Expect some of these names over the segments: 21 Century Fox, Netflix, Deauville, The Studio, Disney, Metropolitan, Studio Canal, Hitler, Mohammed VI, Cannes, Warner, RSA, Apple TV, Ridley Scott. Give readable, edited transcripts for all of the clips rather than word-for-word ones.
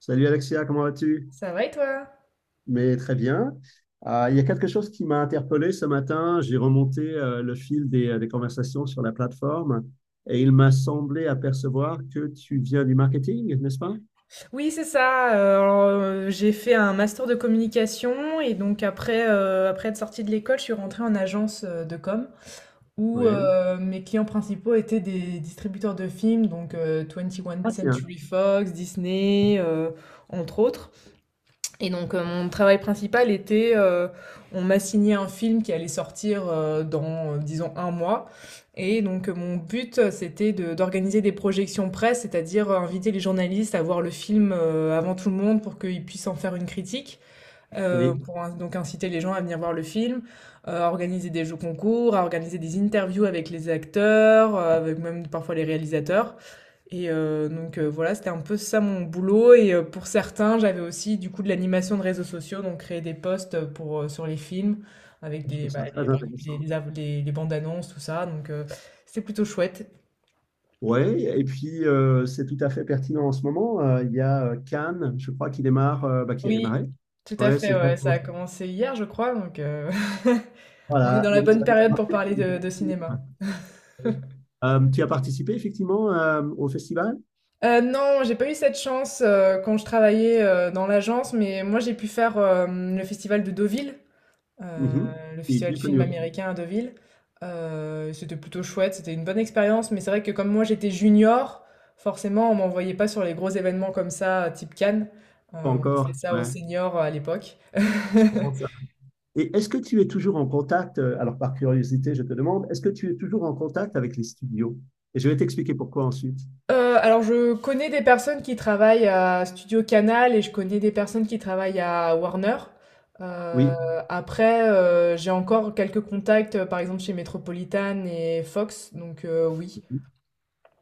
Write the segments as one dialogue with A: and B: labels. A: Salut Alexia, comment vas-tu?
B: Ça va et toi?
A: Mais très bien. Il y a quelque chose qui m'a interpellé ce matin. J'ai remonté le fil des conversations sur la plateforme et il m'a semblé apercevoir que tu viens du marketing, n'est-ce pas?
B: Oui, c'est ça. J'ai fait un master de communication et donc après, après être sortie de l'école, je suis rentrée en agence de com où
A: Oui.
B: mes clients principaux étaient des distributeurs de films, donc 21
A: Ah tiens,
B: Century Fox, Disney, entre autres. Et donc mon travail principal était, on m'a signé un film qui allait sortir disons, un mois. Et donc mon but, c'était d'organiser des projections presse, c'est-à-dire inviter les journalistes à voir le film avant tout le monde pour qu'ils puissent en faire une critique,
A: oui.
B: donc inciter les gens à venir voir le film, à organiser des jeux concours, à organiser des interviews avec les acteurs, avec même parfois les réalisateurs. Voilà, c'était un peu ça mon boulot et pour certains, j'avais aussi du coup de l'animation de réseaux sociaux, donc créer des posts, pour, sur les films avec
A: Je trouve
B: des,
A: ça
B: bah, les
A: très
B: par exemple
A: intéressant.
B: les av les bandes annonces, tout ça, c'était plutôt chouette.
A: Oui, et puis c'est tout à fait pertinent en ce moment. Il y a Cannes, je crois, qui démarre, bah, qui a
B: Oui,
A: démarré.
B: tout à
A: Oui, c'est
B: fait, ouais, ça
A: exactement
B: a
A: ça.
B: commencé hier, je crois, on est dans
A: Voilà,
B: la
A: donc
B: bonne
A: ça a
B: période pour
A: démarré.
B: parler de cinéma.
A: Tu as participé effectivement au festival?
B: Non, j'ai pas eu cette chance, quand je travaillais, dans l'agence, mais moi j'ai pu faire, le festival de Deauville. Heu,
A: Mhm.
B: le
A: Qui est
B: festival
A: bien
B: du film
A: connu aussi.
B: américain à Deauville. C'était plutôt chouette, c'était une bonne expérience, mais c'est vrai que comme moi j'étais junior, forcément on m'envoyait pas sur les gros événements comme ça, type Cannes.
A: Pas
B: On faisait
A: encore,
B: ça aux
A: ouais.
B: seniors à l'époque.
A: Je comprends ça. Et est-ce que tu es toujours en contact, alors par curiosité, je te demande, est-ce que tu es toujours en contact avec les studios? Et je vais t'expliquer pourquoi ensuite.
B: Alors je connais des personnes qui travaillent à Studio Canal et je connais des personnes qui travaillent à Warner.
A: Oui.
B: Heu, après, j'ai encore quelques contacts, par exemple chez Metropolitan et Fox, oui.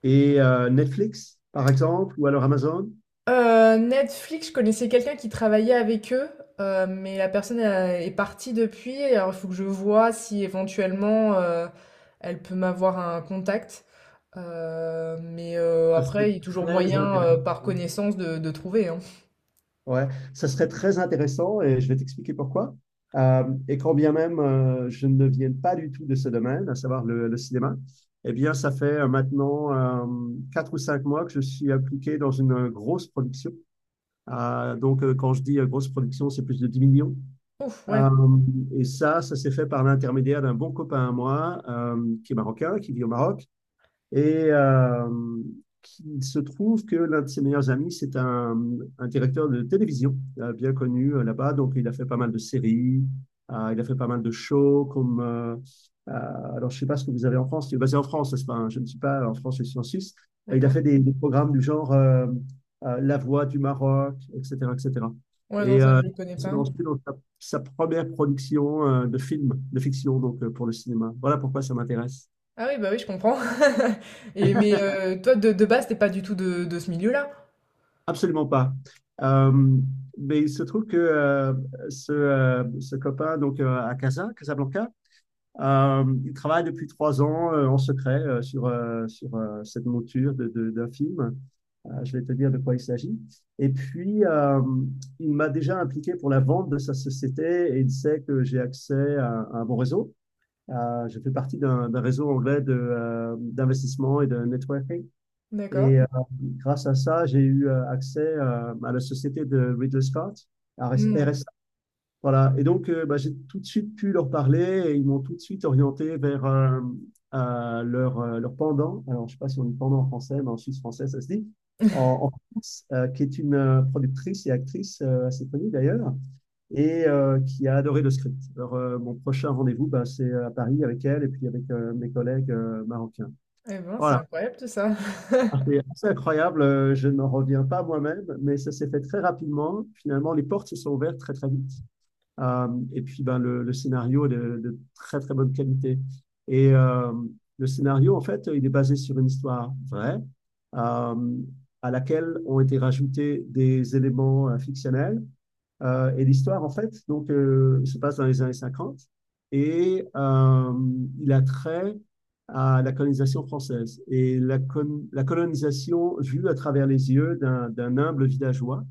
A: Et Netflix, par exemple, ou alors Amazon?
B: Netflix, je connaissais quelqu'un qui travaillait avec eux, mais la personne a est partie depuis. Alors il faut que je vois si éventuellement, elle peut m'avoir un contact. Mais
A: Ça,
B: après,
A: c'est
B: il y a toujours
A: très
B: moyen,
A: intéressant.
B: par connaissance de trouver, hein.
A: Ouais, ça serait très intéressant et je vais t'expliquer pourquoi. Et quand bien même je ne viens pas du tout de ce domaine, à savoir le cinéma, eh bien, ça fait maintenant 4 ou 5 mois que je suis impliqué dans une grosse production. Donc, quand je dis grosse production, c'est plus de 10 millions.
B: Ouf, ouais,
A: Euh, et ça s'est fait par l'intermédiaire d'un bon copain à moi qui est marocain, qui vit au Maroc et euh, il se trouve que l'un de ses meilleurs amis, c'est un directeur de télévision bien connu là-bas. Donc, il a fait pas mal de séries, il a fait pas mal de shows comme. Euh, alors, je ne sais pas ce que vous avez en France. Il est basé en France, n'est-ce pas? Hein, je ne suis pas en France, je suis en Suisse. Il a
B: d'accord.
A: fait des programmes du genre La Voix du Maroc, etc., etc. Et cetera.
B: Ouais, non,
A: Et
B: ça, je le connais
A: il se
B: pas.
A: lance dans sa première production de film, de fiction, donc pour le cinéma. Voilà pourquoi ça m'intéresse.
B: Ah oui, bah oui, je comprends. Et mais toi, de base, t'es pas du tout de ce milieu-là?
A: Absolument pas. Euh, mais il se trouve que ce copain donc à Casa, Casablanca, il travaille depuis 3 ans en secret sur, sur cette monture d'un film. Je vais te dire de quoi il s'agit. Et puis, il m'a déjà impliqué pour la vente de sa société et il sait que j'ai accès à un bon réseau. Je fais partie d'un réseau anglais d'investissement et de networking et
B: D'accord.
A: grâce à ça, j'ai eu accès à la société de Ridley Scott,
B: Mmh.
A: RSA. Voilà. Et donc, bah, j'ai tout de suite pu leur parler et ils m'ont tout de suite orienté vers leur pendant. Alors, je ne sais pas si on dit pendant en français, mais en suisse français, ça se dit. En France, qui est une productrice et actrice assez connue d'ailleurs, et qui a adoré le script. Alors, mon prochain rendez-vous, bah, c'est à Paris avec elle et puis avec mes collègues marocains.
B: Et ben, c'est
A: Voilà.
B: incroyable tout ça.
A: Ah, c'est assez incroyable, je n'en reviens pas moi-même, mais ça s'est fait très rapidement. Finalement, les portes se sont ouvertes très très vite. Et puis, ben, le scénario est de très très bonne qualité. Et le scénario, en fait, il est basé sur une histoire vraie, euh, à laquelle ont été rajoutés des éléments fictionnels et l'histoire, en fait, donc, se passe dans les années 50 et il a trait à la colonisation française et la colonisation vue à travers les yeux d'un humble villageois,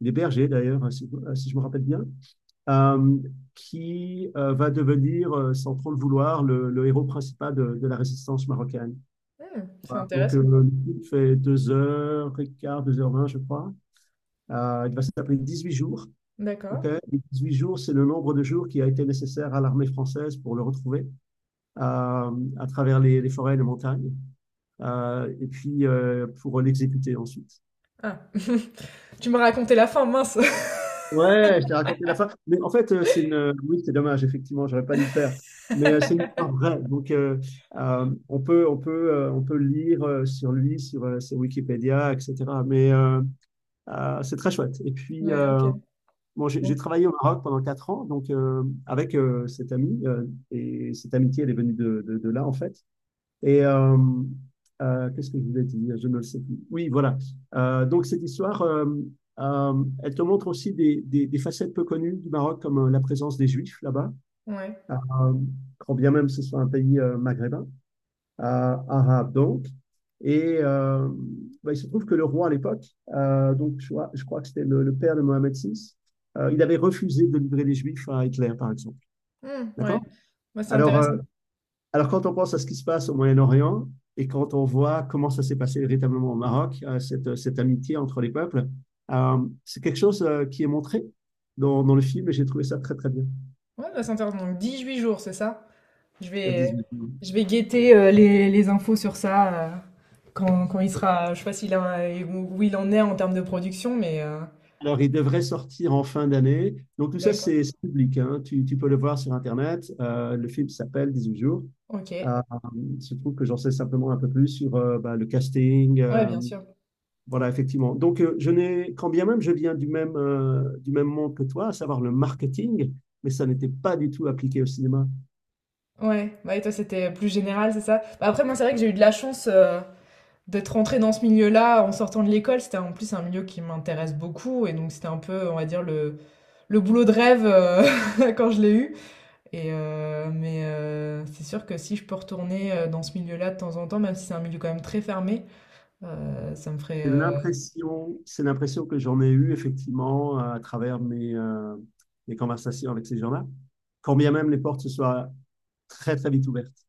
A: des bergers d'ailleurs, hein, si je me rappelle bien, euh, qui va devenir, sans trop le vouloir, le héros principal de la résistance marocaine.
B: Mmh, c'est
A: Voilà. Donc,
B: intéressant.
A: le fait deux heures et quart, deux heures vingt, je crois. Il va s'appeler 8 jours.
B: D'accord.
A: Okay. 18 jours, c'est le nombre de jours qui a été nécessaire à l'armée française pour le retrouver à travers les forêts et les montagnes, et puis pour l'exécuter ensuite.
B: Ah. Tu me racontais la fin, mince.
A: Ouais, je t'ai raconté la fin. Mais en fait, c'est oui, c'est dommage, effectivement, j'aurais pas dû le faire. Mais c'est une histoire vraie. Donc, on peut lire sur lui, sur Wikipédia, etc. Mais c'est très chouette. Et puis,
B: Mais OK.
A: bon, j'ai
B: Mmh.
A: j'ai travaillé au Maroc pendant 4 ans, donc avec cet ami, et cette amitié, elle est venue de là, en fait. Et qu'est-ce que je voulais dire? Je ne le sais plus. Oui, voilà. Donc, cette histoire, elle te montre aussi des facettes peu connues du Maroc, comme la présence des Juifs là-bas,
B: Ouais.
A: euh, quand bien même ce soit un pays maghrébin à donc. Et bah, il se trouve que le roi à l'époque, donc je crois que c'était père de Mohammed VI, il avait refusé de livrer les Juifs à Hitler, par exemple.
B: Mmh, ouais.
A: D'accord.
B: Bah, c'est
A: alors,
B: intéressant.
A: euh, alors, quand on pense à ce qui se passe au Moyen-Orient et quand on voit comment ça s'est passé véritablement au Maroc, amitié entre les peuples, euh, c'est quelque chose qui est montré dans le film et j'ai trouvé ça très, très bien.
B: Ouais, bah, c'est intéressant. Donc dix-huit jours, c'est ça? Je vais,
A: 18.
B: je vais guetter les infos sur ça quand, quand il sera. Je sais pas s'il a, où où il en est en termes de production, mais
A: Alors, il devrait sortir en fin d'année. Donc, tout ça,
B: d'accord.
A: c'est public, hein. Tu peux le voir sur Internet. Le film s'appelle 18 jours.
B: Ok.
A: Euh, il se trouve que j'en sais simplement un peu plus sur bah, le casting.
B: Ouais, bien sûr.
A: Voilà, effectivement. Donc, je n'ai, quand bien même je viens du même monde que toi, à savoir le marketing, mais ça n'était pas du tout appliqué au cinéma.
B: Ouais. Bah, et toi, c'était plus général, c'est ça? Bah, après, moi, c'est vrai que j'ai eu de la chance. D'être rentrée dans ce milieu-là en sortant de l'école, c'était en plus un milieu qui m'intéresse beaucoup et donc c'était un peu, on va dire, le boulot de rêve quand je l'ai eu. Mais c'est sûr que si je peux retourner dans ce milieu-là de temps en temps, même si c'est un milieu quand même très fermé, ça me ferait,
A: C'est l'impression, c'est l'impression que j'en ai eue, effectivement, à travers mes conversations avec ces gens-là, quand bien même les portes se soient très, très vite ouvertes.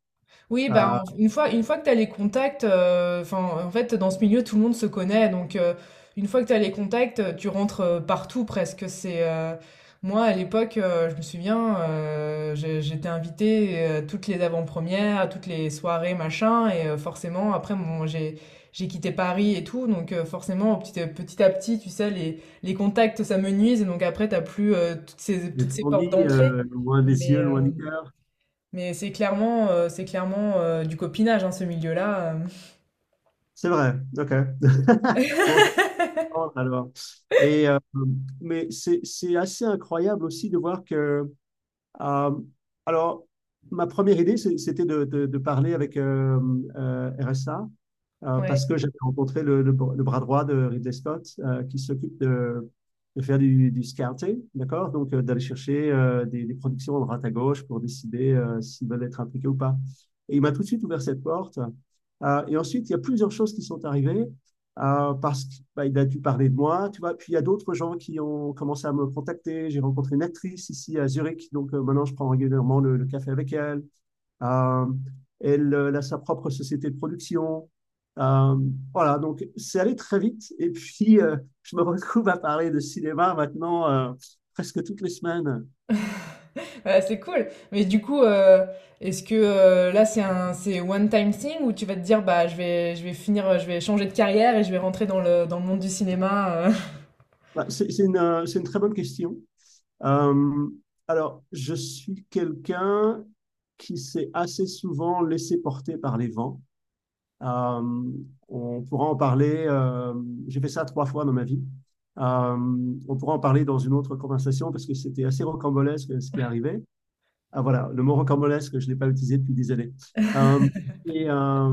B: Oui, bah,
A: Ah,
B: une fois que tu as les contacts, enfin, en fait, dans ce milieu, tout le monde se connaît. Donc, une fois que tu as les contacts, tu rentres partout presque. Moi, à l'époque, je me souviens, j'étais invitée toutes les avant-premières, toutes les soirées, machin. Et forcément, après, bon, j'ai quitté Paris et tout. Donc, forcément, petit à petit, tu sais, les contacts, ça me nuise. Et donc, après, tu n'as plus
A: c'est
B: toutes
A: ce
B: ces
A: qu'on
B: portes
A: dit,
B: d'entrée.
A: loin des cieux,
B: Mais. euh,
A: loin du cœur.
B: mais c'est clairement du copinage, hein, ce milieu-là.
A: C'est vrai, ok. Bon, je vais alors. Et, mais c'est assez incroyable aussi de voir que Euh, alors, ma première idée, c'était parler avec RSA
B: Ouais,
A: parce que j'avais rencontré le bras droit de Ridley Scott qui s'occupe faire du scouting, d'accord. Donc, d'aller chercher productions de droite à gauche pour décider s'ils veulent être impliqués ou pas. Et il m'a tout de suite ouvert cette porte. Et ensuite, il y a plusieurs choses qui sont arrivées parce qu'il bah, a dû parler de moi, tu vois. Puis il y a d'autres gens qui ont commencé à me contacter. J'ai rencontré une actrice ici à Zurich, donc maintenant je prends régulièrement le café avec elle. Euh, Elle, elle a sa propre société de production. Euh, voilà, donc c'est allé très vite. Et puis je me retrouve à parler de cinéma maintenant presque toutes les semaines.
B: bah, c'est cool. Mais du coup, est-ce que là, c'est one time thing ou tu vas te dire, bah, je vais finir, je vais changer de carrière et je vais rentrer dans le monde du cinéma.
A: Bah, c'est une très bonne question. Euh, alors, je suis quelqu'un qui s'est assez souvent laissé porter par les vents. Euh, on pourra en parler. J'ai fait ça 3 fois dans ma vie. euh, on pourra en parler dans une autre conversation parce que c'était assez rocambolesque ce qui est arrivé. Ah, voilà, le mot rocambolesque, je ne l'ai pas utilisé depuis des années. Euh, et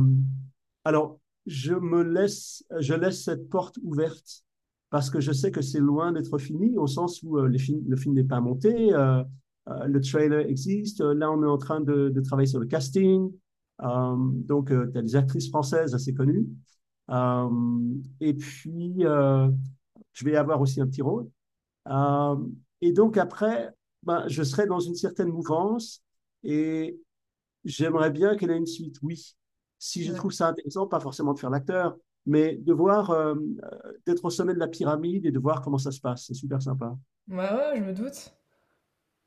A: alors, je laisse cette porte ouverte parce que je sais que c'est loin d'être fini, au sens où le film n'est pas monté, le trailer existe, là on est en train de travailler sur le casting. Euh, donc tu as des actrices françaises assez connues, Euh, et puis je vais avoir aussi un petit rôle, euh, et donc après, ben, je serais dans une certaine mouvance et j'aimerais bien qu'elle ait une suite, oui. Si je
B: Ouais.
A: trouve ça intéressant, pas forcément de faire l'acteur, mais de voir, d'être au sommet de la pyramide et de voir comment ça se passe, c'est super sympa.
B: Ouais, ouais, je me doute.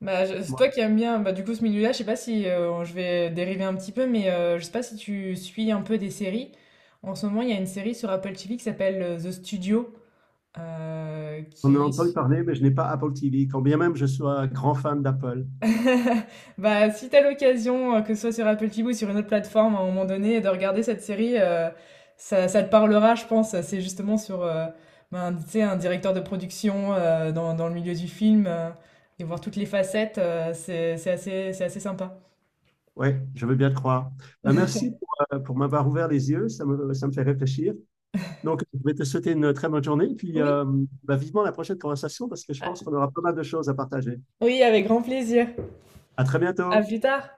B: Bah, c'est
A: Moi,
B: toi qui aimes bien, bah, du coup, ce milieu-là, je sais pas si je vais dériver un petit peu, mais je sais pas si tu suis un peu des séries. En ce moment, il y a une série sur Apple TV qui s'appelle The Studio,
A: on en a
B: qui
A: entendu
B: est
A: parler, mais je n'ai pas Apple TV, quand bien même je sois grand fan d'Apple.
B: Bah, si t'as l'occasion, que ce soit sur Apple TV ou sur une autre plateforme, à un moment donné, de regarder cette série, ça te parlera, je pense. C'est justement sur, ben, tu sais, un directeur de production, dans le milieu du film, et voir toutes les facettes, c'est assez sympa.
A: Ouais, je veux bien te croire. Ben, merci pour m'avoir ouvert les yeux, ça me fait réfléchir. Donc, je vais te souhaiter une très bonne journée, puis
B: Oui,
A: bah, vivement la prochaine conversation parce que je
B: a
A: pense qu'on aura pas mal de choses à partager.
B: oui, avec grand plaisir.
A: À très
B: À
A: bientôt.
B: plus tard.